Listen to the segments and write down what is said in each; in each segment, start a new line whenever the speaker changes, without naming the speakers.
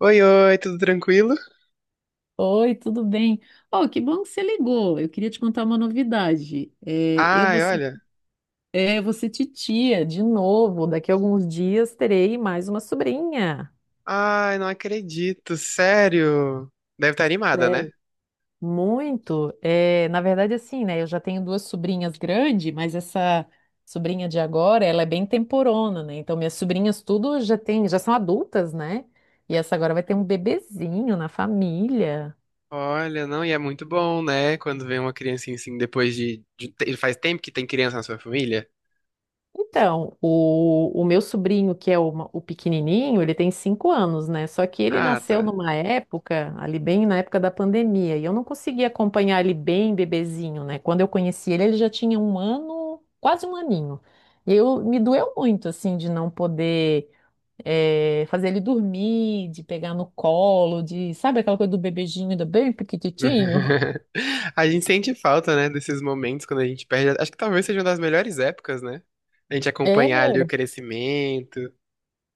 Oi, oi, tudo tranquilo?
Oi, tudo bem? Oh, que bom que você ligou. Eu queria te contar uma novidade.
Ai, olha.
Eu vou ser titia de novo. Daqui a alguns dias terei mais uma sobrinha.
Ai, não acredito, sério. Deve estar animada,
É.
né?
Muito. É, na verdade, assim, né? Eu já tenho duas sobrinhas grandes, mas essa sobrinha de agora, ela é bem temporona, né? Então, minhas sobrinhas tudo já tem, já são adultas, né? E essa agora vai ter um bebezinho na família.
Olha, não, e é muito bom, né? Quando vem uma criancinha assim, depois Faz tempo que tem criança na sua família?
Então, o meu sobrinho, que é o pequenininho, ele tem 5 anos, né? Só que ele
Ah,
nasceu
tá.
numa época, ali bem na época da pandemia, e eu não conseguia acompanhar ele bem bebezinho, né? Quando eu conheci ele, ele já tinha um ano, quase um aninho. E eu me doeu muito, assim, de não poder fazer ele dormir, de pegar no colo, de, sabe aquela coisa do bebezinho, do bem pequititinho?
A gente sente falta, né, desses momentos quando a gente perde. Acho que talvez seja uma das melhores épocas, né? A gente acompanhar ali o crescimento.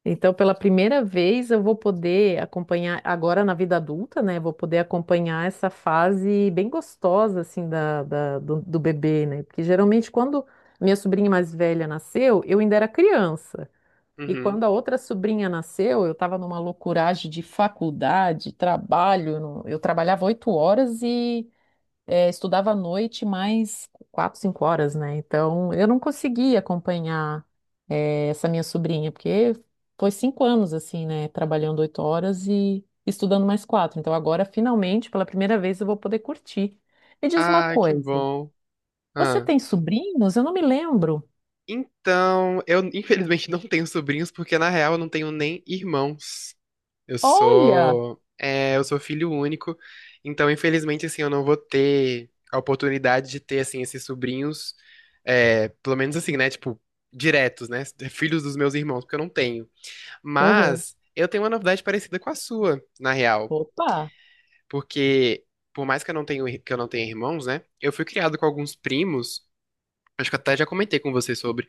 Então, pela primeira vez, eu vou poder acompanhar, agora na vida adulta, né? Vou poder acompanhar essa fase bem gostosa, assim, do bebê, né? Porque geralmente, quando minha sobrinha mais velha nasceu, eu ainda era criança. E
Uhum.
quando a outra sobrinha nasceu, eu estava numa loucuragem de faculdade, trabalho. Eu não- eu trabalhava 8 horas estudava à noite mais quatro, cinco horas, né? Então eu não conseguia acompanhar essa minha sobrinha, porque foi 5 anos assim, né? Trabalhando 8 horas e estudando mais quatro. Então agora, finalmente, pela primeira vez, eu vou poder curtir. Me diz uma
Ah, que
coisa,
bom.
você
Ah.
tem sobrinhos? Eu não me lembro.
Então, eu infelizmente não tenho sobrinhos, porque na real eu não tenho nem irmãos. Eu
Olha!
sou, é, eu sou filho único, então infelizmente assim eu não vou ter a oportunidade de ter assim esses sobrinhos, pelo menos assim, né, tipo, diretos, né, filhos dos meus irmãos, porque eu não tenho.
Aham.
Mas eu tenho uma novidade parecida com a sua, na real,
Opa!
porque por mais que eu não tenha irmãos, né, eu fui criado com alguns primos acho que até já comentei com você sobre,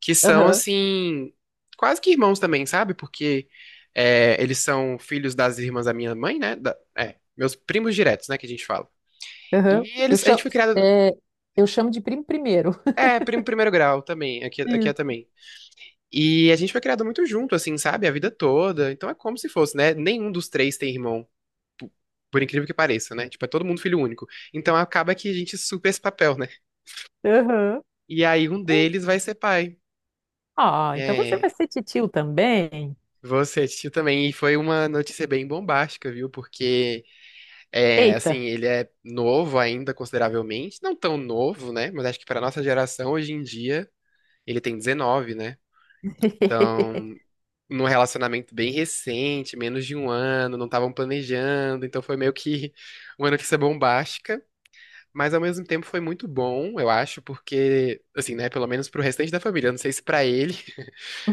que são,
Aham,
assim, quase que irmãos também, sabe? Porque eles são filhos das irmãs da minha mãe, né? Meus primos diretos, né, que a gente fala.
aham.
E eles, a gente foi criado,
É, eu chamo de primo primeiro.
É, primo primeiro grau também, aqui é
Isso.
também. E a gente foi criado muito junto, assim, sabe? A vida toda, então é como se fosse, né? Nenhum dos três tem irmão. po- Por incrível que pareça, né? Tipo, é todo mundo filho único. Então acaba que a gente supera esse papel, né?
Aham.
E aí um deles vai ser pai.
Ah, então você
É,
vai ser titio também?
você assistiu também, e foi uma notícia bem bombástica, viu? Porque,
Eita!
assim, ele é novo ainda, consideravelmente. Não tão novo, né? Mas acho que para nossa geração, hoje em dia, ele tem 19, né? Então, num relacionamento bem recente, menos de um ano, não estavam planejando. Então, foi meio que uma notícia bombástica. Mas, ao mesmo tempo, foi muito bom, eu acho, porque, assim, né? Pelo menos pro restante da família. Eu não sei se para ele,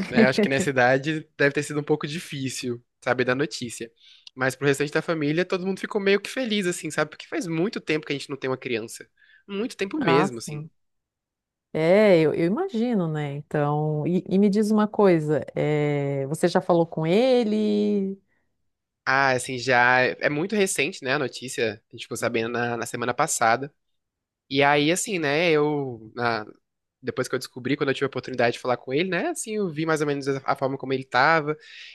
né? Eu acho que nessa idade deve ter sido um pouco difícil saber da notícia. Mas pro restante da família, todo mundo ficou meio que feliz, assim, sabe? Porque faz muito tempo que a gente não tem uma criança. Muito tempo
Ah,
mesmo, assim.
sim. É, eu imagino, né? Então, e me diz uma coisa, é, você já falou com ele?
Ah, assim, já. É muito recente, né, a notícia. A gente ficou sabendo na semana passada. E aí, assim, né, depois que eu descobri, quando eu tive a oportunidade de falar com ele, né, assim, eu vi mais ou menos a forma como ele tava.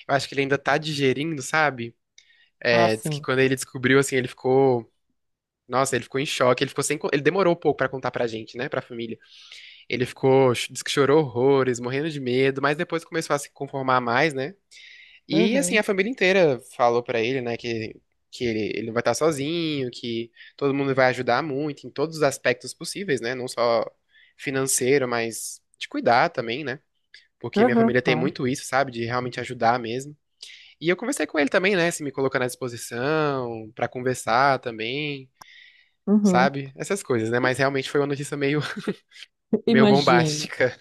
Eu acho que ele ainda tá digerindo, sabe?
Ah,
É, diz que
sim.
quando ele descobriu, assim, ele ficou nossa, ele ficou em choque, ele ficou sem, co- ele demorou um pouco pra contar pra gente, né, pra família. Ele ficou, disse que chorou horrores, morrendo de medo, mas depois começou a se conformar mais, né? E assim, a
Aham,
família inteira falou pra ele, né, que ele não vai estar sozinho, que todo mundo vai ajudar muito em todos os aspectos possíveis, né? Não só financeiro, mas de cuidar também, né? Porque minha
aham,
família tem
claro.
muito isso, sabe? De realmente ajudar mesmo. E eu conversei com ele também, né? Se me colocando à disposição, pra conversar também,
Uhum.
sabe? Essas coisas, né? Mas realmente foi uma notícia meio, meio
Imagino.
bombástica.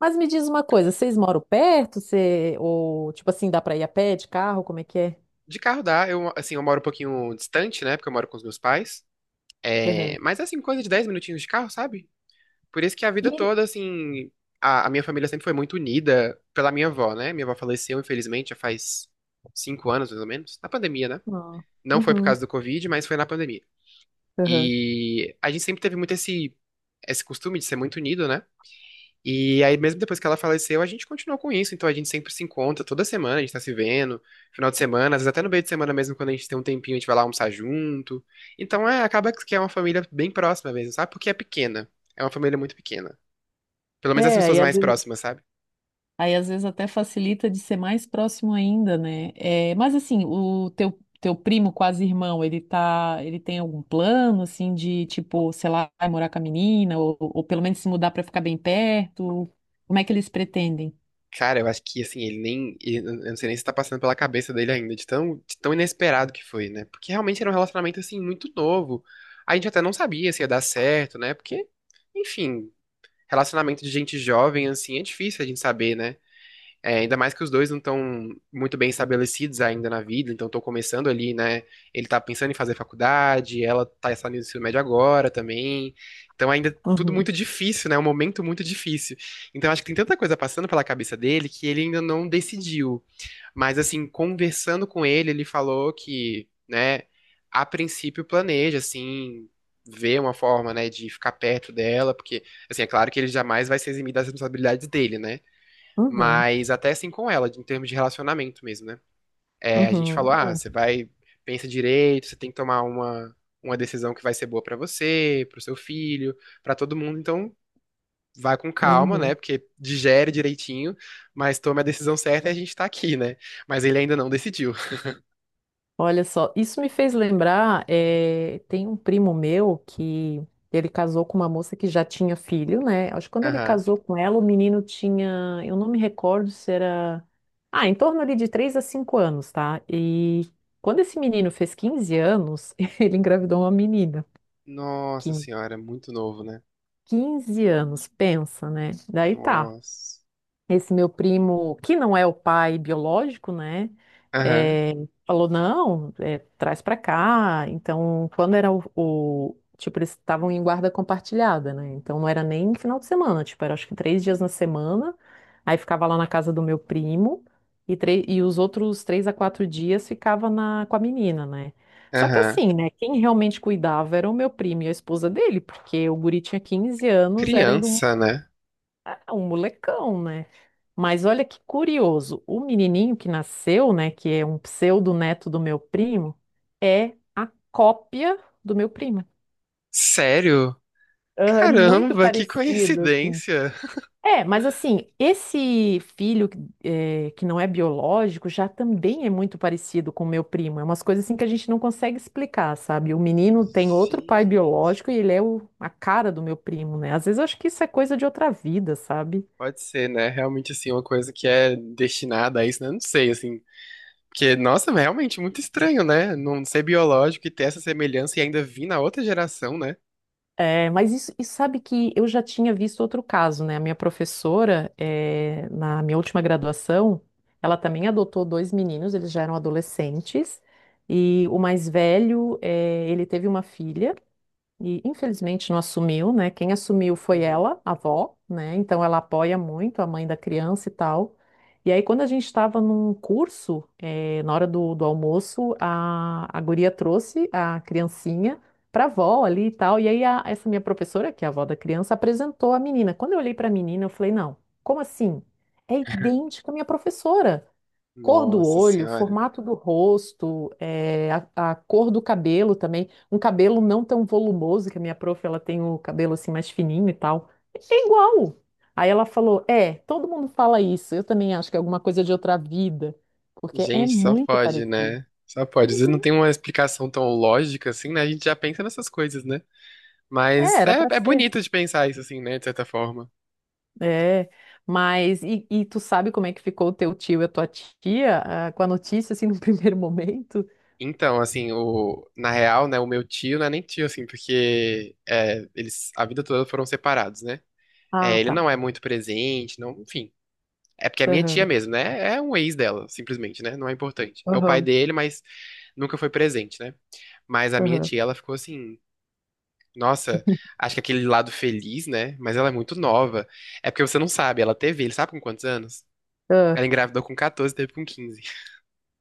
Mas me diz uma coisa, vocês moram perto? Você, ou, tipo assim, dá pra ir a pé, de carro? Como é que é?
De carro dá, assim, eu moro um pouquinho distante, né? Porque eu moro com os meus pais.
Aham.
É, mas, assim, coisa de 10 minutinhos de carro, sabe? Por isso que a
E
vida
ele...
toda, assim, a minha família sempre foi muito unida pela minha avó, né? Minha avó faleceu, infelizmente, já faz 5 anos, mais ou menos, na pandemia, né?
Ah,
Não foi por
uhum,
causa do Covid, mas foi na pandemia.
aham.
E a gente sempre teve muito esse costume de ser muito unido, né? E aí, mesmo depois que ela faleceu, a gente continuou com isso. Então, a gente sempre se encontra toda semana, a gente tá se vendo, final de semana, às vezes até no meio de semana mesmo, quando a gente tem um tempinho, a gente vai lá almoçar junto. Então, é, acaba que é uma família bem próxima mesmo, sabe? Porque é pequena. É uma família muito pequena. Pelo menos as
É,
pessoas
aí às
mais
vezes
próximas, sabe?
Aí às vezes até facilita de ser mais próximo ainda, né? É, mas assim, o teu primo quase irmão, ele tá, ele tem algum plano assim de tipo, sei lá, vai morar com a menina ou pelo menos se mudar para ficar bem perto? Como é que eles pretendem?
Cara, eu acho que, assim, ele nem. Ele- eu não sei nem se tá passando pela cabeça dele ainda, de tão inesperado que foi, né? Porque realmente era um relacionamento, assim, muito novo. A gente até não sabia se ia dar certo, né? Porque. Enfim, relacionamento de gente jovem, assim, é difícil a gente saber, né? É, ainda mais que os dois não estão muito bem estabelecidos ainda na vida, então estão começando ali, né? Ele tá pensando em fazer faculdade, ela tá saindo do ensino médio agora também. Então ainda tudo
Uhum,
muito difícil, né? Um momento muito difícil. Então acho que tem tanta coisa passando pela cabeça dele que ele ainda não decidiu. Mas assim, conversando com ele, ele falou que, né, a princípio planeja, assim, ver uma forma, né, de ficar perto dela, porque, assim, é claro que ele jamais vai se eximir das responsabilidades dele, né?
uhum,
Mas até assim com ela, em termos de relacionamento mesmo, né? É, a gente
uhum,
falou, ah, você vai, pensa direito, você tem que tomar uma decisão que vai ser boa pra você, pro seu filho, pra todo mundo, então vai com
É.
calma, né?
Uhum.
Porque digere direitinho, mas tome a decisão certa e a gente tá aqui, né? Mas ele ainda não decidiu.
Olha só, isso me fez lembrar, tem um primo meu que ele casou com uma moça que já tinha filho, né? Acho que quando ele
Aham.
casou com ela, o menino tinha, eu não me recordo se era, ah, em torno ali de 3 a 5 anos, tá? E quando esse menino fez 15 anos, ele engravidou uma menina, que
Nossa senhora, muito novo, né?
15 anos, pensa, né? Daí tá,
Nossa.
esse meu primo, que não é o pai biológico, né?
Aham,
eh, falou, não, traz pra cá. Então, quando era tipo, eles estavam em guarda compartilhada, né? Então, não era nem final de semana. Tipo, era acho que 3 dias na semana. Aí, ficava lá na casa do meu primo. E os outros 3 a 4 dias ficava na... com a menina, né? Só que
aham.
assim, né? Quem realmente cuidava era o meu primo e a esposa dele. Porque o guri tinha 15 anos, era ainda um,
Criança, né?
ah, um molecão, né? Mas olha que curioso, o menininho que nasceu, né, que é um pseudo-neto do meu primo, é a cópia do meu primo.
Sério?
Ah, é muito
Caramba, que
parecido, assim.
coincidência.
É, mas assim, esse filho que não é biológico já também é muito parecido com o meu primo. É umas coisas assim que a gente não consegue explicar, sabe? O menino tem outro pai
Gente,
biológico e ele é a cara do meu primo, né? Às vezes eu acho que isso é coisa de outra vida, sabe?
pode ser, né? Realmente, assim, uma coisa que é destinada a isso, né? Não sei, assim. Porque, nossa, é realmente muito estranho, né? Não ser biológico e ter essa semelhança e ainda vir na outra geração, né?
É, mas isso, e sabe que eu já tinha visto outro caso, né? A minha professora, é, na minha última graduação, ela também adotou dois meninos, eles já eram adolescentes, e o mais velho, é, ele teve uma filha. E infelizmente não assumiu, né? Quem assumiu foi
Uhum.
ela, a avó, né? Então ela apoia muito a mãe da criança e tal. E aí, quando a gente estava num curso, na hora do almoço, a guria trouxe a criancinha para a avó ali e tal. E aí, essa minha professora, que é a avó da criança, apresentou a menina. Quando eu olhei para a menina, eu falei: não, como assim? É idêntica à minha professora. Cor do
Nossa
olho,
senhora.
formato do rosto, a cor do cabelo também. Um cabelo não tão volumoso, que a minha prof, ela tem o cabelo assim mais fininho e tal. É igual. Aí ela falou: É, todo mundo fala isso. Eu também acho que é alguma coisa de outra vida, porque é
Gente, só
muito
pode,
parecido.
né? Só pode. Às vezes não
Uhum.
tem uma explicação tão lógica assim, né? A gente já pensa nessas coisas, né?
É,
Mas
era pra
é, é
ser.
bonito de pensar isso assim, né? De certa forma.
É, mas e tu sabe como é que ficou o teu tio e a tua tia, ah, com a notícia assim no primeiro momento?
Então, assim, na real, né, o meu tio não é nem tio, assim, porque é, eles a vida toda foram separados, né?
Ah,
É, ele
tá.
não é muito presente, não, enfim. É porque é minha tia
Aham,
mesmo, né? É um ex dela, simplesmente, né? Não é importante. É o pai
aham,
dele, mas nunca foi presente, né? Mas a minha
aham,
tia, ela ficou assim, nossa, acho que aquele lado feliz, né? Mas ela é muito nova. É porque você não sabe, ela teve, ele sabe com quantos anos?
aham.
Ela engravidou com 14, teve com 15.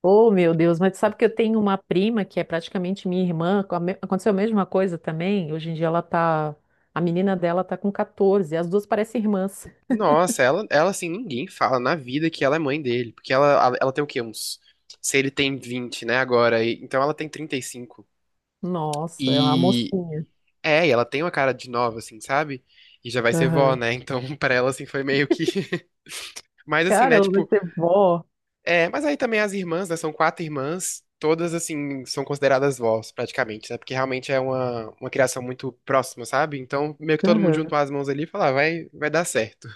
Oh, meu Deus, mas sabe que eu tenho uma prima que é praticamente minha irmã, aconteceu a mesma coisa também. Hoje em dia ela tá, a menina dela tá com 14, as duas parecem irmãs.
Nossa, ela assim, ninguém fala na vida que ela é mãe dele. Porque ela tem o quê? Uns. Se ele tem 20 né, então ela tem 35. E cinco.
Nossa, é uma mocinha.
E ela tem uma cara de nova, assim, sabe? E já vai ser vó,
Aham.
né? Então pra ela, assim, foi meio que. Mas assim,
Cara,
né,
ela vai
tipo.
ser vó.
É, mas aí também as irmãs, né? São quatro irmãs. Todas, assim, são consideradas vós, praticamente, né? Porque realmente é uma criação muito próxima, sabe? Então meio que todo mundo
Aham.
juntou as mãos ali e falou, ah, vai, vai dar certo.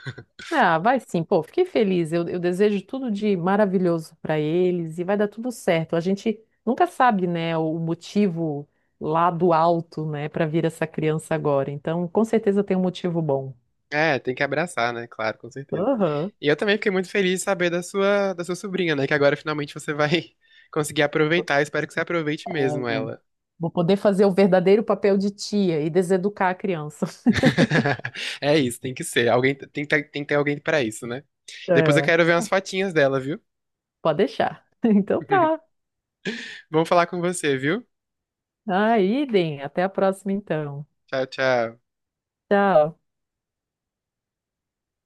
Ah, vai sim, pô, fiquei feliz. Eu desejo tudo de maravilhoso para eles e vai dar tudo certo. A gente nunca sabe, né, o motivo lá do alto, né, para vir essa criança agora. Então, com certeza tem um motivo bom.
É, tem que abraçar, né? Claro, com certeza.
Aham.
E eu também fiquei muito feliz de saber da sua sobrinha, né? Que agora finalmente você vai conseguir aproveitar. Eu espero que você aproveite mesmo ela.
Vou poder fazer o verdadeiro papel de tia e deseducar a criança.
É isso, tem que ser. Alguém tem que ter alguém pra isso, né? Depois eu
É.
quero ver umas fotinhas dela, viu?
Pode deixar. Então tá.
Vamos falar com você, viu?
Aí, Idem, até a próxima então.
Tchau, tchau.
Tchau.